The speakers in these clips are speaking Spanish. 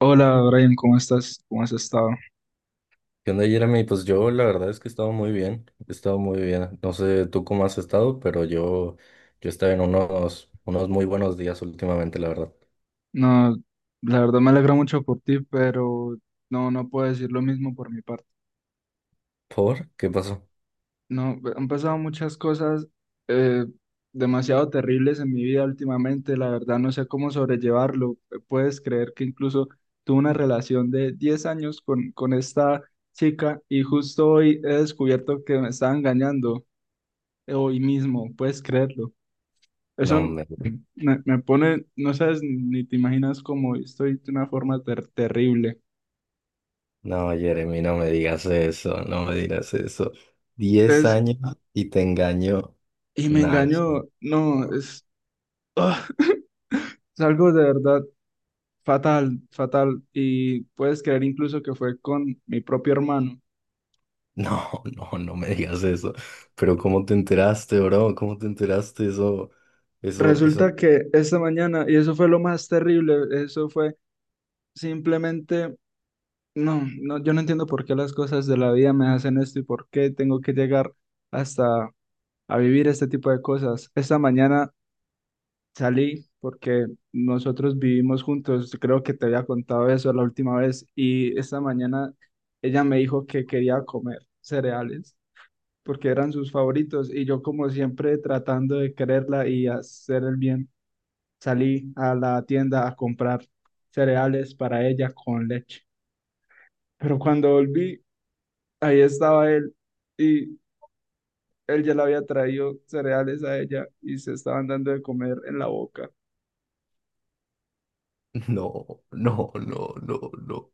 Hola Brian, ¿cómo estás? ¿Cómo has estado? ¿Qué onda, Jeremy? Pues yo la verdad es que he estado muy bien, he estado muy bien. No sé tú cómo has estado, pero yo he estado en unos muy buenos días últimamente, la verdad. No, la verdad me alegra mucho por ti, pero no, no puedo decir lo mismo por mi parte. ¿Por? ¿Qué pasó? No, han pasado muchas cosas eh, demasiado terribles en mi vida últimamente, la verdad no sé cómo sobrellevarlo. Puedes creer que incluso tuve una relación de 10 años con esta chica y justo hoy he descubierto que me estaba engañando, hoy mismo, puedes creerlo. Eso No me, me, me pone, no sabes ni te imaginas cómo estoy de una forma terrible. no, Jeremy, no me digas eso, no me digas eso. Diez Entonces, años y te engaño. y me Nah, engañó, no, es, ¡ah! es algo de verdad fatal, fatal. Y puedes creer incluso que fue con mi propio hermano. no, no, no me digas eso. Pero ¿cómo te enteraste, bro? ¿Cómo te enteraste eso? Eso, eso. Resulta que esta mañana, y eso fue lo más terrible, eso fue simplemente, no, yo no entiendo por qué las cosas de la vida me hacen esto y por qué tengo que llegar hasta a vivir este tipo de cosas. Esta mañana salí porque nosotros vivimos juntos, creo que te había contado eso la última vez, y esta mañana ella me dijo que quería comer cereales porque eran sus favoritos y yo, como siempre tratando de quererla y hacer el bien, salí a la tienda a comprar cereales para ella con leche. Pero cuando volví, ahí estaba él y él ya le había traído cereales a ella y se estaban dando de comer en la boca. No, no, no, no, no.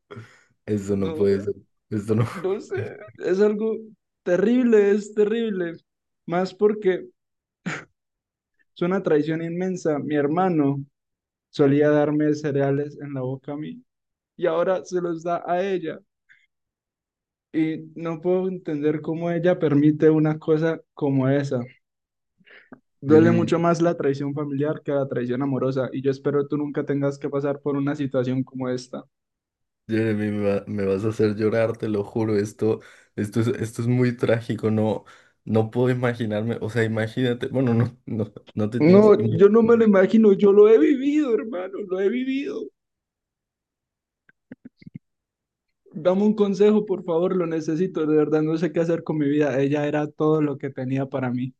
Eso no puede No. ser. Esto no. No sé, es algo terrible, es terrible. Más porque es una traición inmensa. Mi hermano solía darme cereales en la boca a mí y ahora se los da a ella. Y no puedo entender cómo ella permite una cosa como esa. Duele Jeremy, mucho más la traición familiar que la traición amorosa y yo espero tú nunca tengas que pasar por una situación como esta. Jeremy, me vas a hacer llorar, te lo juro. Esto es muy trágico. No, no puedo imaginarme. O sea, imagínate. Bueno, no, no, no te tienes No, que imaginar. yo no me lo imagino, yo lo he vivido, hermano, lo he vivido. Dame un consejo, por favor, lo necesito. De verdad, no sé qué hacer con mi vida. Ella era todo lo que tenía para mí.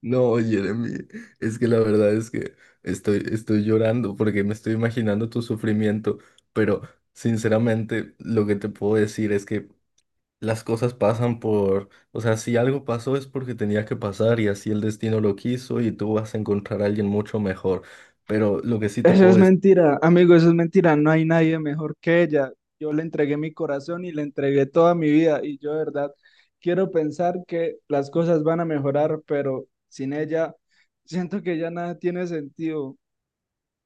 No, Jeremy, es que la verdad es que estoy llorando porque me estoy imaginando tu sufrimiento, pero sinceramente lo que te puedo decir es que las cosas pasan por, o sea, si algo pasó es porque tenía que pasar y así el destino lo quiso y tú vas a encontrar a alguien mucho mejor. Pero lo que sí te Eso puedo es decir, mentira, amigo, eso es mentira. No hay nadie mejor que ella. Yo le entregué mi corazón y le entregué toda mi vida. Y yo, de verdad, quiero pensar que las cosas van a mejorar, pero sin ella, siento que ya nada tiene sentido.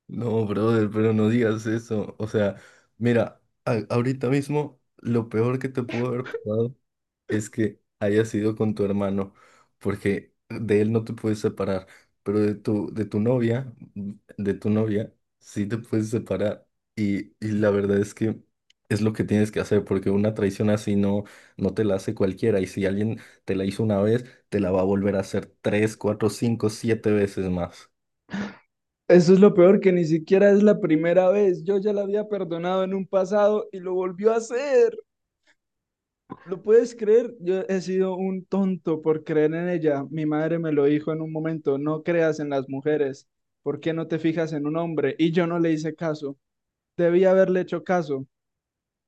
no, brother, pero no digas eso. O sea, mira, ahorita mismo lo peor que te pudo haber pasado es que haya sido con tu hermano, porque de él no te puedes separar, pero de tu novia, sí te puedes separar. Y la verdad es que es lo que tienes que hacer, porque una traición así no te la hace cualquiera. Y si alguien te la hizo una vez, te la va a volver a hacer tres, cuatro, cinco, siete veces más. Eso es lo peor, que ni siquiera es la primera vez. Yo ya la había perdonado en un pasado y lo volvió a hacer. ¿Lo puedes creer? Yo he sido un tonto por creer en ella. Mi madre me lo dijo en un momento, no creas en las mujeres. ¿Por qué no te fijas en un hombre? Y yo no le hice caso. Debí haberle hecho caso.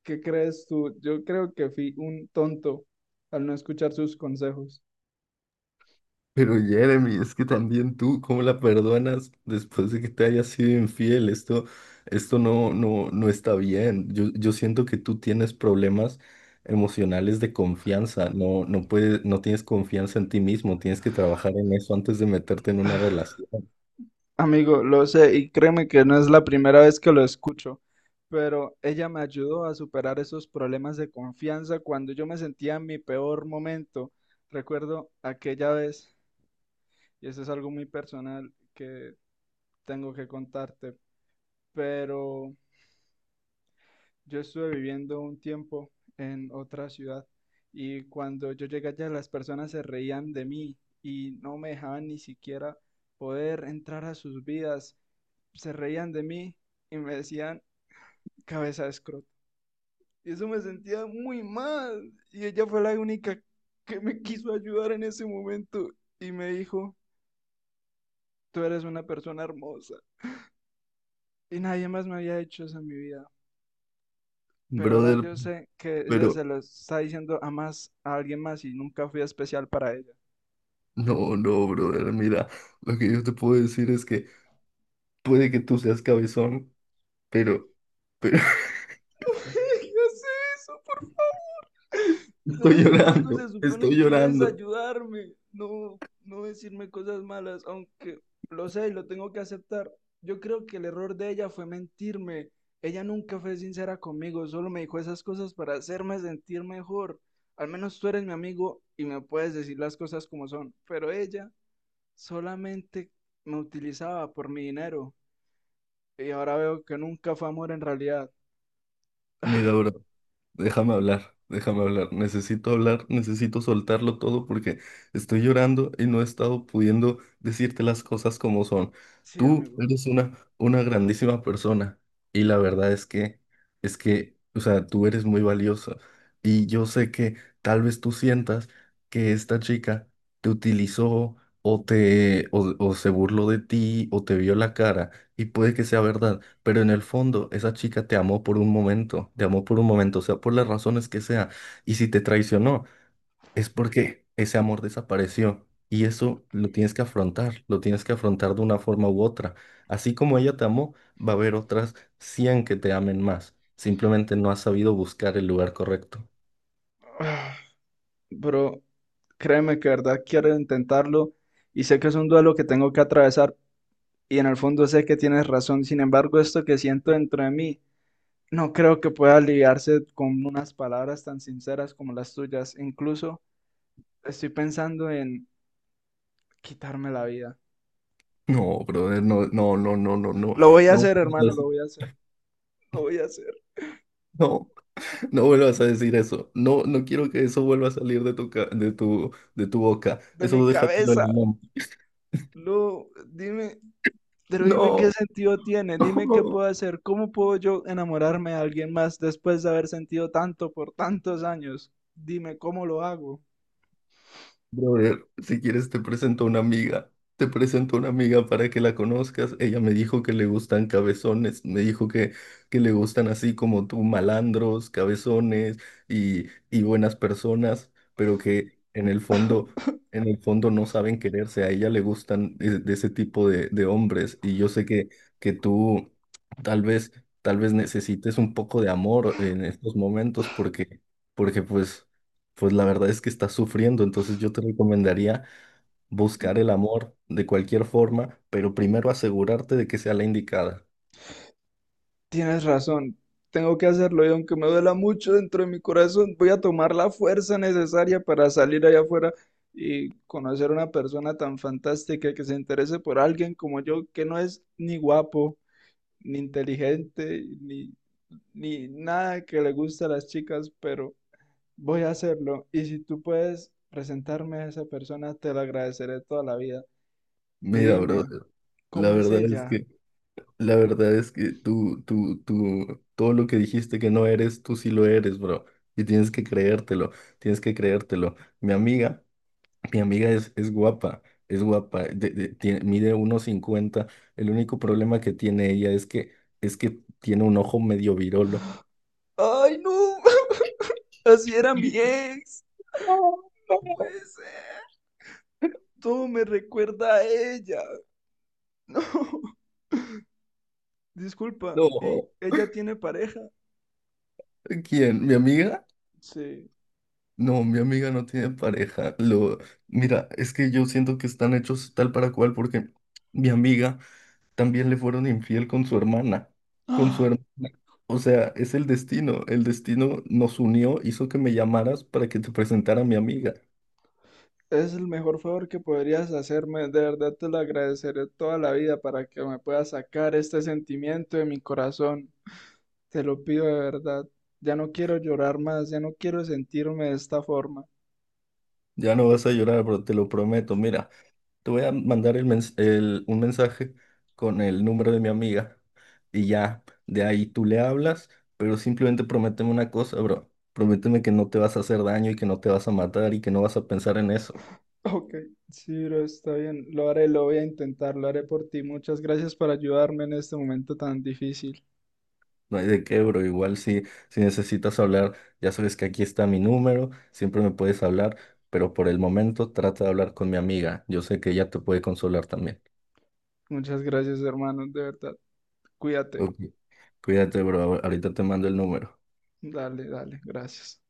¿Qué crees tú? Yo creo que fui un tonto al no escuchar sus consejos. Pero Jeremy, es que también tú, ¿cómo la perdonas después de que te haya sido infiel? Esto, esto no está bien. Yo siento que tú tienes problemas emocionales de confianza. No, no puedes, no tienes confianza en ti mismo. Tienes que trabajar en eso antes de meterte en una relación. Amigo, lo sé, y créeme que no es la primera vez que lo escucho, pero ella me ayudó a superar esos problemas de confianza cuando yo me sentía en mi peor momento. Recuerdo aquella vez, y eso es algo muy personal que tengo que contarte, pero yo estuve viviendo un tiempo en otra ciudad y cuando yo llegué allá las personas se reían de mí y no me dejaban ni siquiera poder entrar a sus vidas, se reían de mí y me decían cabeza de escroto. Y eso me sentía muy mal, y ella fue la única que me quiso ayudar en ese momento y me dijo, tú eres una persona hermosa. Y nadie más me había hecho eso en mi vida. Pero ahora Brother, yo sé que ella pero se lo está diciendo a más, a alguien más, y nunca fui especial para ella. no, no, brother. Mira, lo que yo te puedo decir es que puede que tú seas cabezón, pero, pero No me digas eso, por favor. Tú estoy eres mi amigo, llorando, se estoy supone que debes llorando. ayudarme, no decirme cosas malas, aunque lo sé y lo tengo que aceptar. Yo creo que el error de ella fue mentirme. Ella nunca fue sincera conmigo, solo me dijo esas cosas para hacerme sentir mejor. Al menos tú eres mi amigo y me puedes decir las cosas como son, pero ella... Solamente me utilizaba por mi dinero, y ahora veo que nunca fue amor en realidad. Mira, bro. Déjame hablar, déjame hablar. Necesito hablar, necesito soltarlo todo porque estoy llorando y no he estado pudiendo decirte las cosas como son. Sí, Tú amigo. eres una grandísima persona y la verdad es que, o sea, tú eres muy valiosa y yo sé que tal vez tú sientas que esta chica te utilizó o se burló de ti o te vio la cara y puede que sea verdad. Pero en el fondo, esa chica te amó por un momento, te amó por un momento, o sea, por las razones que sea. Y si te traicionó, es porque ese amor desapareció. Y eso lo tienes que afrontar, lo tienes que afrontar de una forma u otra. Así como ella te amó, va a haber otras 100 que te amen más. Simplemente no has sabido buscar el lugar correcto. Pero créeme que de verdad quiero intentarlo y sé que es un duelo que tengo que atravesar, y en el fondo sé que tienes razón. Sin embargo, esto que siento dentro de mí no creo que pueda aliviarse con unas palabras tan sinceras como las tuyas. Incluso estoy pensando en quitarme la vida. No, brother, no, no, no, no, no, no, Lo voy a no, hacer, hermano, lo voy a hacer. Lo voy a hacer. no, no vuelvas a decir eso. No, no quiero que eso vuelva a salir de tu, ca- de tu boca. De mi Eso déjatelo en cabeza. el Lu, dime. Pero dime qué No, sentido tiene, dime qué puedo no. hacer, cómo puedo yo enamorarme de alguien más después de haber sentido tanto por tantos años. Dime cómo lo hago. Brother, si quieres te presento a una amiga. Te presento a una amiga para que la conozcas. Ella me dijo que le gustan cabezones, me dijo que le gustan así como tú, malandros, cabezones y buenas personas, pero que en el fondo no saben quererse. A ella le gustan de ese tipo de hombres. Y yo sé que tú tal vez, tal vez necesites un poco de amor en estos momentos porque, pues. Pues la verdad es que estás sufriendo, entonces yo te recomendaría buscar el amor de cualquier forma, pero primero asegurarte de que sea la indicada. Tienes razón, tengo que hacerlo, y aunque me duela mucho dentro de mi corazón, voy a tomar la fuerza necesaria para salir allá afuera y conocer a una persona tan fantástica que se interese por alguien como yo, que no es ni guapo, ni inteligente, ni nada que le gusta a las chicas, pero voy a hacerlo, y si tú puedes presentarme a esa persona, te lo agradeceré toda la vida. Y Mira, dime, brother, la ¿cómo es verdad es ella? que, la verdad es que tú, todo lo que dijiste que no eres, tú sí lo eres, bro. Y tienes que creértelo, tienes que creértelo. Mi amiga es, es guapa, mide 1,50. El único problema que tiene ella es que tiene un ojo medio virolo. ¡Ay, no! Así era mi ex. No puede ser. Todo me recuerda a ella. No. Disculpa, ¿y No. ella tiene pareja? ¿Quién? ¿Mi amiga? Sí. No, mi amiga no tiene pareja. Mira, es que yo siento que están hechos tal para cual porque mi amiga también le fueron infiel con su hermana, con su ¡Ah! hermana. O sea, es el destino. El destino nos unió, hizo que me llamaras para que te presentara a mi amiga. Es el mejor favor que podrías hacerme. De verdad te lo agradeceré toda la vida para que me puedas sacar este sentimiento de mi corazón. Te lo pido de verdad. Ya no quiero llorar más, ya no quiero sentirme de esta forma. Ya no vas a llorar, pero te lo prometo. Mira. Te voy a mandar un mensaje con el número de mi amiga y ya, de ahí tú le hablas, pero simplemente prométeme una cosa, bro. Prométeme que no te vas a hacer daño y que no te vas a matar y que no vas a pensar en eso. Ok, sí, bro, está bien. Lo haré, lo voy a intentar, lo haré por ti. Muchas gracias por ayudarme en este momento tan difícil. No hay de qué, bro. Igual si necesitas hablar, ya sabes que aquí está mi número, siempre me puedes hablar, pero por el momento trata de hablar con mi amiga. Yo sé que ella te puede consolar también. Muchas gracias, hermano, de verdad. Cuídate. Ok, cuídate, bro. Ahorita te mando el número. Dale, dale, gracias.